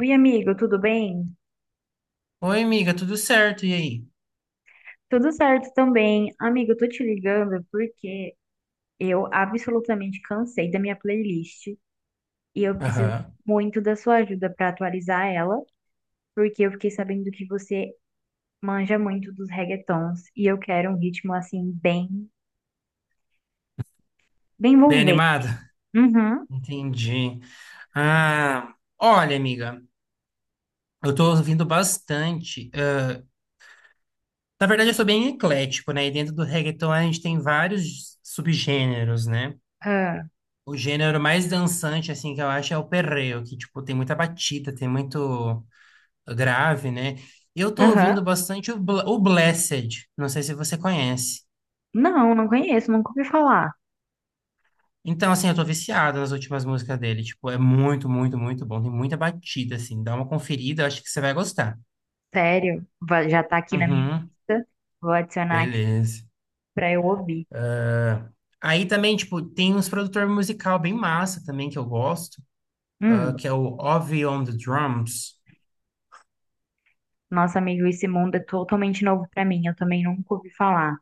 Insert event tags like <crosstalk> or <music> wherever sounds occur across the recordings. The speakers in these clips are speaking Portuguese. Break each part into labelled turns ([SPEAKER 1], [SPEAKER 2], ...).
[SPEAKER 1] Oi, amigo, tudo bem?
[SPEAKER 2] Oi, amiga, tudo certo? E aí?
[SPEAKER 1] Tudo certo também. Amigo, eu tô te ligando porque eu absolutamente cansei da minha playlist e eu preciso
[SPEAKER 2] Aham.
[SPEAKER 1] muito da sua ajuda pra atualizar ela, porque eu fiquei sabendo que você manja muito dos reggaetons e eu quero um ritmo assim bem, bem
[SPEAKER 2] Bem
[SPEAKER 1] envolvente.
[SPEAKER 2] animada?
[SPEAKER 1] Uhum.
[SPEAKER 2] Entendi. Ah, Olha, amiga, eu tô ouvindo bastante. Na verdade, eu sou bem eclético, né? E dentro do reggaeton a gente tem vários subgêneros, né?
[SPEAKER 1] Ah.
[SPEAKER 2] O gênero mais dançante, assim, que eu acho é o perreo, que, tipo, tem muita batida, tem muito grave, né? Eu tô
[SPEAKER 1] Aham.
[SPEAKER 2] ouvindo bastante o Blessed, não sei se você conhece.
[SPEAKER 1] Não, não conheço, nunca ouvi falar.
[SPEAKER 2] Então, assim, eu tô viciado nas últimas músicas dele. Tipo, é muito, muito, muito bom. Tem muita batida, assim. Dá uma conferida, eu acho que você vai gostar.
[SPEAKER 1] Sério? Já tá aqui na minha
[SPEAKER 2] Uhum,
[SPEAKER 1] lista. Vou adicionar aqui
[SPEAKER 2] beleza.
[SPEAKER 1] pra eu ouvir.
[SPEAKER 2] Ah, Aí também, tipo, tem uns produtor musical bem massa também que eu gosto, que é o Ovy on the Drums.
[SPEAKER 1] Nossa, amigo, esse mundo é totalmente novo pra mim. Eu também nunca ouvi falar,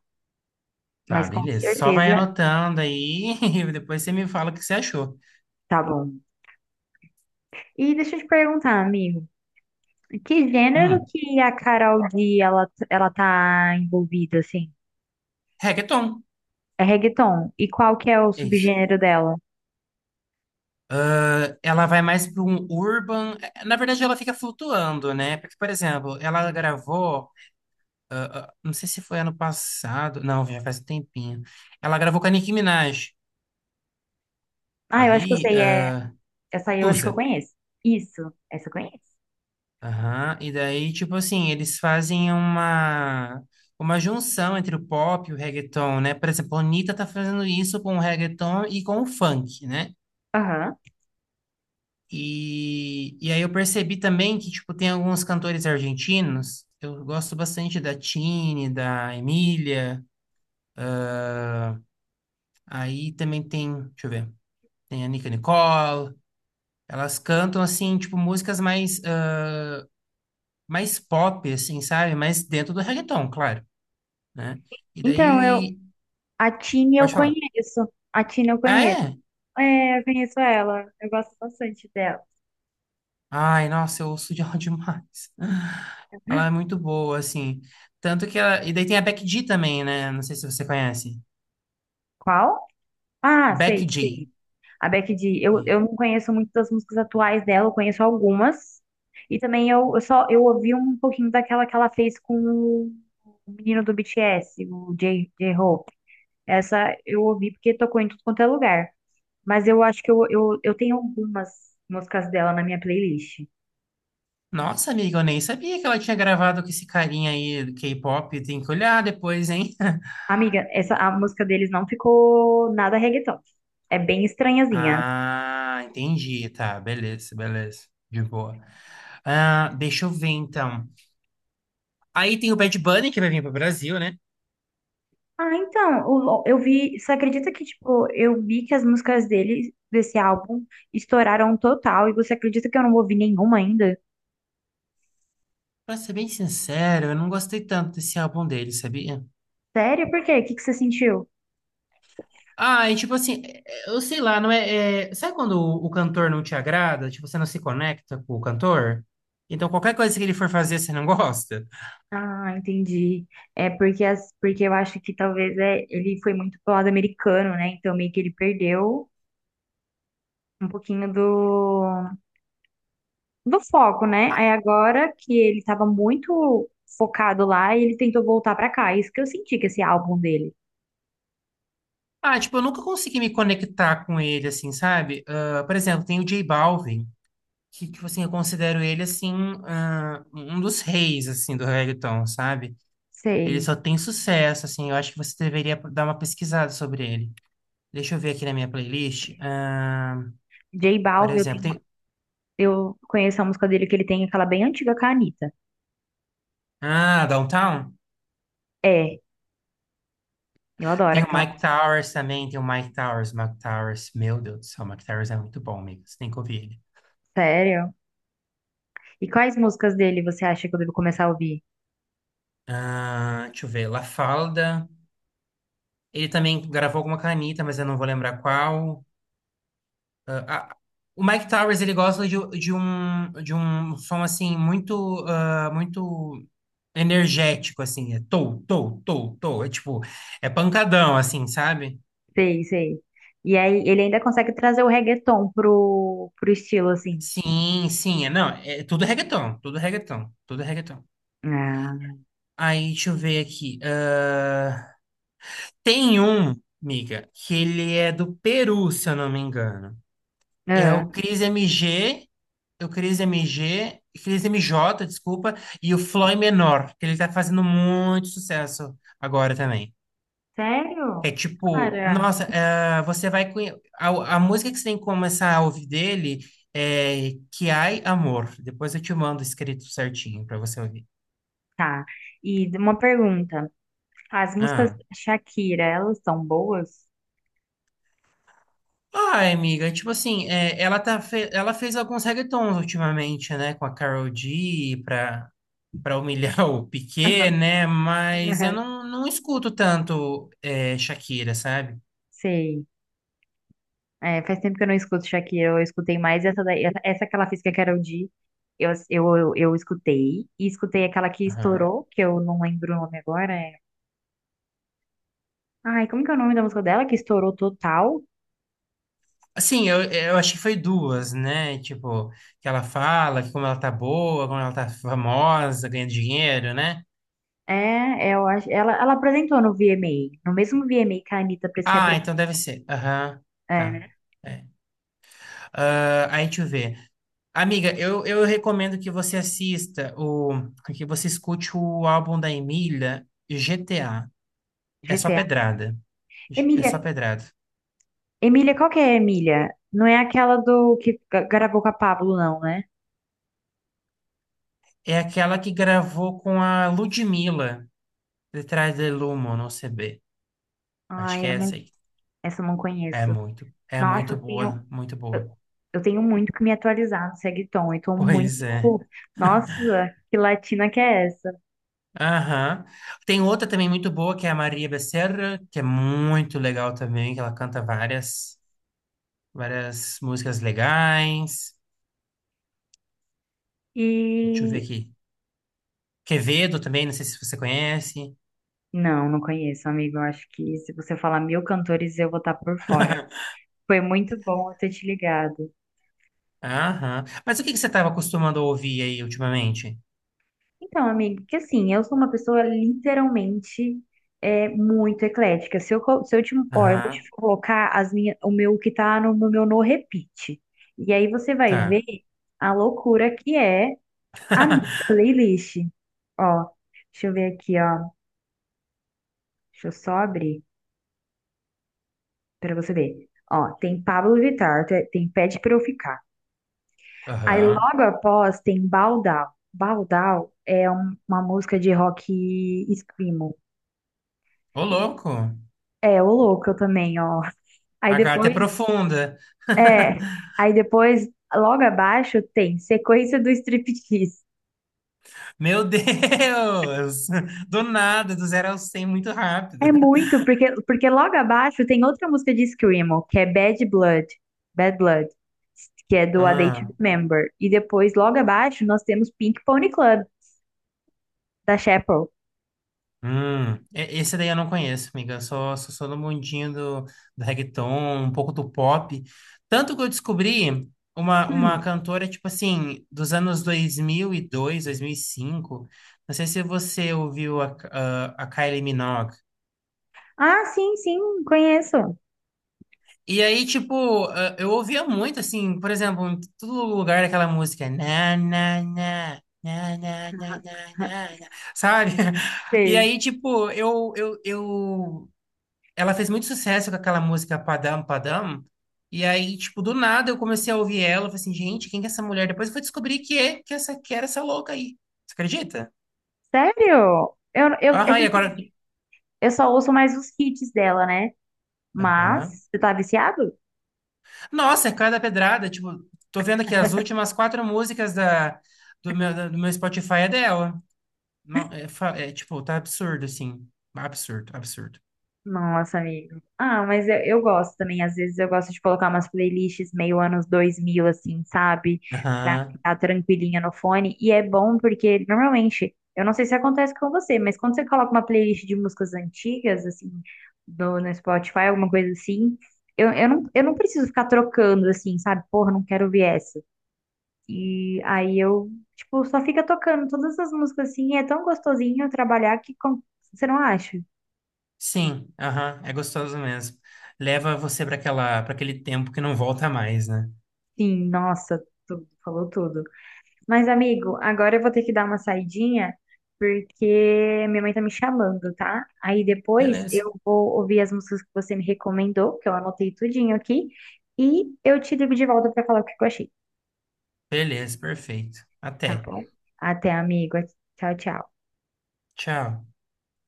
[SPEAKER 2] Tá,
[SPEAKER 1] mas com
[SPEAKER 2] beleza. Só vai
[SPEAKER 1] certeza
[SPEAKER 2] anotando aí <laughs> e depois você me fala o que você achou.
[SPEAKER 1] tá bom. E deixa eu te perguntar, amigo, que gênero
[SPEAKER 2] Hum,
[SPEAKER 1] que a Karol G ela tá envolvida assim?
[SPEAKER 2] reggaeton,
[SPEAKER 1] É reggaeton. E qual que é o
[SPEAKER 2] é isso.
[SPEAKER 1] subgênero dela?
[SPEAKER 2] Ah, ela vai mais para um urban. Na verdade, ela fica flutuando, né? Porque, por exemplo, ela gravou. Não sei se foi ano passado. Não, já faz um tempinho. Ela gravou com a Nicki Minaj.
[SPEAKER 1] Ah, eu acho que eu
[SPEAKER 2] Aí,
[SPEAKER 1] sei, é essa aí eu acho que
[SPEAKER 2] Tusa.
[SPEAKER 1] eu conheço. Isso, essa eu conheço.
[SPEAKER 2] Aham. E daí, tipo assim, eles fazem uma junção entre o pop e o reggaeton, né? Por exemplo, a Anitta tá fazendo isso com o reggaeton e com o funk, né?
[SPEAKER 1] Aham.
[SPEAKER 2] E aí eu percebi também que, tipo, tem alguns cantores argentinos. Eu gosto bastante da Tini, da Emília. Aí também tem, deixa eu ver, tem a Nica Nicole. Elas cantam, assim, tipo, músicas mais, mais pop, assim, sabe? Mas dentro do reggaeton, claro, né? E
[SPEAKER 1] Então, eu
[SPEAKER 2] daí...
[SPEAKER 1] a Tini eu
[SPEAKER 2] Pode falar.
[SPEAKER 1] conheço. A Tini eu
[SPEAKER 2] Ah,
[SPEAKER 1] conheço.
[SPEAKER 2] é?
[SPEAKER 1] É, eu conheço ela. Eu gosto bastante dela.
[SPEAKER 2] Ai, nossa, eu ouço de ela <laughs> demais. Ela é muito boa, assim. Tanto que ela... E daí tem a Becky G também, né? Não sei se você conhece.
[SPEAKER 1] Qual? Ah,
[SPEAKER 2] Becky
[SPEAKER 1] sei, sei.
[SPEAKER 2] G.
[SPEAKER 1] A Becky G, eu não conheço muito das músicas atuais dela, eu conheço algumas. E também eu só eu ouvi um pouquinho daquela que ela fez com o menino do BTS, o J-Hope. Essa eu ouvi porque tocou em tudo quanto é lugar. Mas eu acho que eu tenho algumas músicas dela na minha playlist.
[SPEAKER 2] Nossa, amiga, eu nem sabia que ela tinha gravado com esse carinha aí do K-pop. Tem que olhar depois, hein? <laughs>
[SPEAKER 1] Amiga, essa, a música deles não ficou nada reggaeton. É bem estranhazinha.
[SPEAKER 2] Ah, entendi. Tá, beleza, beleza. De boa. Ah, deixa eu ver então. Aí tem o Bad Bunny que vai vir pro Brasil, né?
[SPEAKER 1] Ah, então, eu vi, você acredita que, tipo, eu vi que as músicas dele, desse álbum, estouraram total, e você acredita que eu não ouvi nenhuma ainda?
[SPEAKER 2] Pra ser bem sincero, eu não gostei tanto desse álbum dele, sabia?
[SPEAKER 1] Sério? Por quê? O que que você sentiu?
[SPEAKER 2] E tipo assim, eu sei lá, não é, é- sabe quando o cantor não te agrada? Tipo, você não se conecta com o cantor? Então qualquer coisa que ele for fazer, você não gosta?
[SPEAKER 1] Ah, entendi. É porque, porque eu acho que talvez é, ele foi muito pro lado americano, né? Então meio que ele perdeu um pouquinho do, foco, né? Aí agora que ele tava muito focado lá, ele tentou voltar pra cá. É isso que eu senti que esse álbum dele.
[SPEAKER 2] Ah, tipo, eu nunca consegui me conectar com ele, assim, sabe? Ah, por exemplo, tem o J Balvin. Que, tipo assim, eu considero ele, assim, um dos reis, assim, do reggaeton, sabe? Ele
[SPEAKER 1] Sei.
[SPEAKER 2] só tem sucesso, assim, eu acho que você deveria dar uma pesquisada sobre ele. Deixa eu ver aqui na minha playlist.
[SPEAKER 1] J
[SPEAKER 2] Por
[SPEAKER 1] Balvin, eu
[SPEAKER 2] exemplo, tem...
[SPEAKER 1] Eu conheço a música dele que ele tem, aquela bem antiga com a Anitta.
[SPEAKER 2] Ah, Downtown?
[SPEAKER 1] É, eu adoro
[SPEAKER 2] Tem o
[SPEAKER 1] aquela
[SPEAKER 2] Mike
[SPEAKER 1] música.
[SPEAKER 2] Towers também, tem o Mike Towers, Mike Towers, meu Deus do céu, o Mike Towers é muito bom, amigo, você tem que ouvir ele.
[SPEAKER 1] Sério? E quais músicas dele você acha que eu devo começar a ouvir?
[SPEAKER 2] Ah, deixa eu ver, La Falda. Ele também gravou alguma canita, mas eu não vou lembrar qual. Ah, ah, o Mike Towers, ele gosta de um som, assim, muito, muito energético, assim. É tou, tou, tou, tou. É tipo, é pancadão, assim, sabe?
[SPEAKER 1] Sei, sei. E aí, ele ainda consegue trazer o reggaeton pro estilo, assim.
[SPEAKER 2] Sim, sim. É, não, é tudo reggaeton, tudo reggaeton, tudo reggaeton.
[SPEAKER 1] Ah,
[SPEAKER 2] Aí, deixa eu ver aqui. Tem um, miga, que ele é do Peru, se eu não me engano. É
[SPEAKER 1] ah.
[SPEAKER 2] o Cris MG, o Cris MG, Cris M J, desculpa, e o Floyd Menor, que ele tá fazendo muito sucesso agora também. É
[SPEAKER 1] Sério?
[SPEAKER 2] tipo,
[SPEAKER 1] Cara.
[SPEAKER 2] nossa, é, você a música que você tem que começar a ouvir dele é Que Ai Amor. Depois eu te mando escrito certinho pra você ouvir.
[SPEAKER 1] Tá. E uma pergunta. As músicas
[SPEAKER 2] Ah.
[SPEAKER 1] da Shakira, elas são boas?
[SPEAKER 2] Ai, amiga, tipo assim, é, ela fez alguns reggaetons ultimamente, né, com a Karol G, pra para humilhar <laughs> o
[SPEAKER 1] <laughs>
[SPEAKER 2] Piquet, né? Mas eu
[SPEAKER 1] Aham.
[SPEAKER 2] não, não escuto tanto é, Shakira, sabe?
[SPEAKER 1] Sei. É, faz tempo que eu não escuto Shakira, eu escutei mais essa daí, essa que ela fez com a Karol G, eu escutei, e escutei aquela que
[SPEAKER 2] Aham.
[SPEAKER 1] estourou, que eu não lembro o nome agora, é... Ai, como que é o nome da música dela, que estourou total?
[SPEAKER 2] Assim, eu acho que foi duas, né? Tipo, que ela fala que como ela tá boa, como ela tá famosa, ganha dinheiro, né?
[SPEAKER 1] É, eu acho, ela apresentou no VMA, no mesmo VMA que a Anitta pra se
[SPEAKER 2] Ah,
[SPEAKER 1] apresentar,
[SPEAKER 2] então deve ser. Aham,
[SPEAKER 1] é,
[SPEAKER 2] tá.
[SPEAKER 1] né,
[SPEAKER 2] É. Ah, aí deixa eu ver. Amiga, eu recomendo que você assista o, que você escute o álbum da Emília, GTA. É só
[SPEAKER 1] GTA.
[SPEAKER 2] pedrada. É
[SPEAKER 1] Emília,
[SPEAKER 2] só pedrada.
[SPEAKER 1] Emília, qual que é a Emília? Não é aquela do que gravou com a Pablo, não, né?
[SPEAKER 2] É aquela que gravou com a Ludmilla, Detrás de Lumo, não sei bem. Acho que
[SPEAKER 1] Ai, eu
[SPEAKER 2] é
[SPEAKER 1] não,
[SPEAKER 2] essa aí.
[SPEAKER 1] essa eu não conheço.
[SPEAKER 2] É
[SPEAKER 1] Nossa,
[SPEAKER 2] muito
[SPEAKER 1] tem,
[SPEAKER 2] boa, muito boa.
[SPEAKER 1] Eu tenho muito que me atualizar no Reggaeton. Eu tô muito.
[SPEAKER 2] Pois é.
[SPEAKER 1] Nossa, que latina que é essa?
[SPEAKER 2] Aham. Tem outra também muito boa, que é a Maria Becerra, que é muito legal também, que ela canta várias, várias músicas legais. Deixa eu ver
[SPEAKER 1] E.
[SPEAKER 2] aqui. Quevedo também, não sei se você conhece.
[SPEAKER 1] Não, não conheço, amigo. Eu acho que se você falar mil cantores, eu vou estar por fora. Foi muito bom eu ter te ligado.
[SPEAKER 2] Aham. Mas o que que você estava acostumando a ouvir aí ultimamente?
[SPEAKER 1] Então, amigo, que assim, eu sou uma pessoa literalmente muito eclética. Se eu te. Ó, eu vou te
[SPEAKER 2] Aham.
[SPEAKER 1] colocar o meu que tá no meu no repeat. E aí você vai ver
[SPEAKER 2] Tá.
[SPEAKER 1] a loucura que é. Amiga,
[SPEAKER 2] <laughs>
[SPEAKER 1] playlist. Ó, deixa eu ver aqui, ó. Deixa eu só abrir pra você ver. Ó, tem Pablo Vittar, tem Pede Pra Eu Ficar. Aí
[SPEAKER 2] Aham.
[SPEAKER 1] logo após tem Baldal. Baldal é uma música de rock screamo.
[SPEAKER 2] Ô, louco.
[SPEAKER 1] É, o louco eu também, ó. Aí
[SPEAKER 2] A carta é
[SPEAKER 1] depois,
[SPEAKER 2] profunda.
[SPEAKER 1] é,
[SPEAKER 2] <laughs>
[SPEAKER 1] aí depois, logo abaixo tem Sequência do Striptease.
[SPEAKER 2] Meu Deus! Do nada, do 0 ao 100 muito
[SPEAKER 1] É
[SPEAKER 2] rápido. <laughs>
[SPEAKER 1] muito, porque logo abaixo tem outra música de Screamo, que é Bad Blood, Bad Blood, que é do A Day to
[SPEAKER 2] Ah,
[SPEAKER 1] Remember. E depois, logo abaixo, nós temos Pink Pony Club, da Chapel.
[SPEAKER 2] hum. Esse daí eu não conheço, amiga. Eu só só sou do mundinho do, do reggaeton, um pouco do pop. Tanto que eu descobri uma
[SPEAKER 1] Hum.
[SPEAKER 2] cantora, tipo assim, dos anos 2002, dois mil e cinco. Não sei se você ouviu a Kylie Minogue.
[SPEAKER 1] Ah, sim, sim, conheço.
[SPEAKER 2] E aí, tipo, eu ouvia muito, assim, por exemplo, em todo lugar aquela música, na, na, na, na, na, na, na,
[SPEAKER 1] <laughs>
[SPEAKER 2] na, na", sabe? <laughs> E
[SPEAKER 1] Sei.
[SPEAKER 2] aí, tipo, eu, ela fez muito sucesso com aquela música Padam Padam, e aí, tipo, do nada eu comecei a ouvir ela, eu falei assim, gente, quem que é essa mulher? Depois eu fui descobrir que é essa, que era essa louca aí. Você acredita?
[SPEAKER 1] Sério? É
[SPEAKER 2] Aham,
[SPEAKER 1] que
[SPEAKER 2] e agora...
[SPEAKER 1] assim, eu só ouço mais os hits dela, né? Mas,
[SPEAKER 2] Aham.
[SPEAKER 1] você tá viciado?
[SPEAKER 2] Nossa, é cada pedrada. Tipo, tô vendo aqui as últimas quatro músicas da, do meu, do meu Spotify é dela. Não, é, é, tipo, tá absurdo, assim. Absurdo, absurdo.
[SPEAKER 1] Nossa, amigo. Ah, mas eu gosto também. Às vezes eu gosto de colocar umas playlists meio anos 2000 assim, sabe? Pra
[SPEAKER 2] Aham.
[SPEAKER 1] ficar tranquilinha no fone. E é bom porque, normalmente, eu não sei se acontece com você, mas quando você coloca uma playlist de músicas antigas, assim, no Spotify, alguma coisa assim, eu não preciso ficar trocando, assim, sabe? Porra, não quero ouvir essa. E aí eu, tipo, só fica tocando todas as músicas assim. E é tão gostosinho trabalhar que você não acha?
[SPEAKER 2] Sim, aham. É gostoso mesmo. Leva você para aquela, para aquele tempo que não volta mais, né?
[SPEAKER 1] Sim, nossa, tudo, falou tudo. Mas, amigo, agora eu vou ter que dar uma saidinha, porque minha mãe tá me chamando, tá? Aí depois
[SPEAKER 2] Beleza.
[SPEAKER 1] eu vou ouvir as músicas que você me recomendou, que eu anotei tudinho aqui, e eu te ligo de volta pra falar o que eu achei,
[SPEAKER 2] Beleza, perfeito.
[SPEAKER 1] tá
[SPEAKER 2] Até.
[SPEAKER 1] bom? Até, amigo. Tchau, tchau.
[SPEAKER 2] Tchau.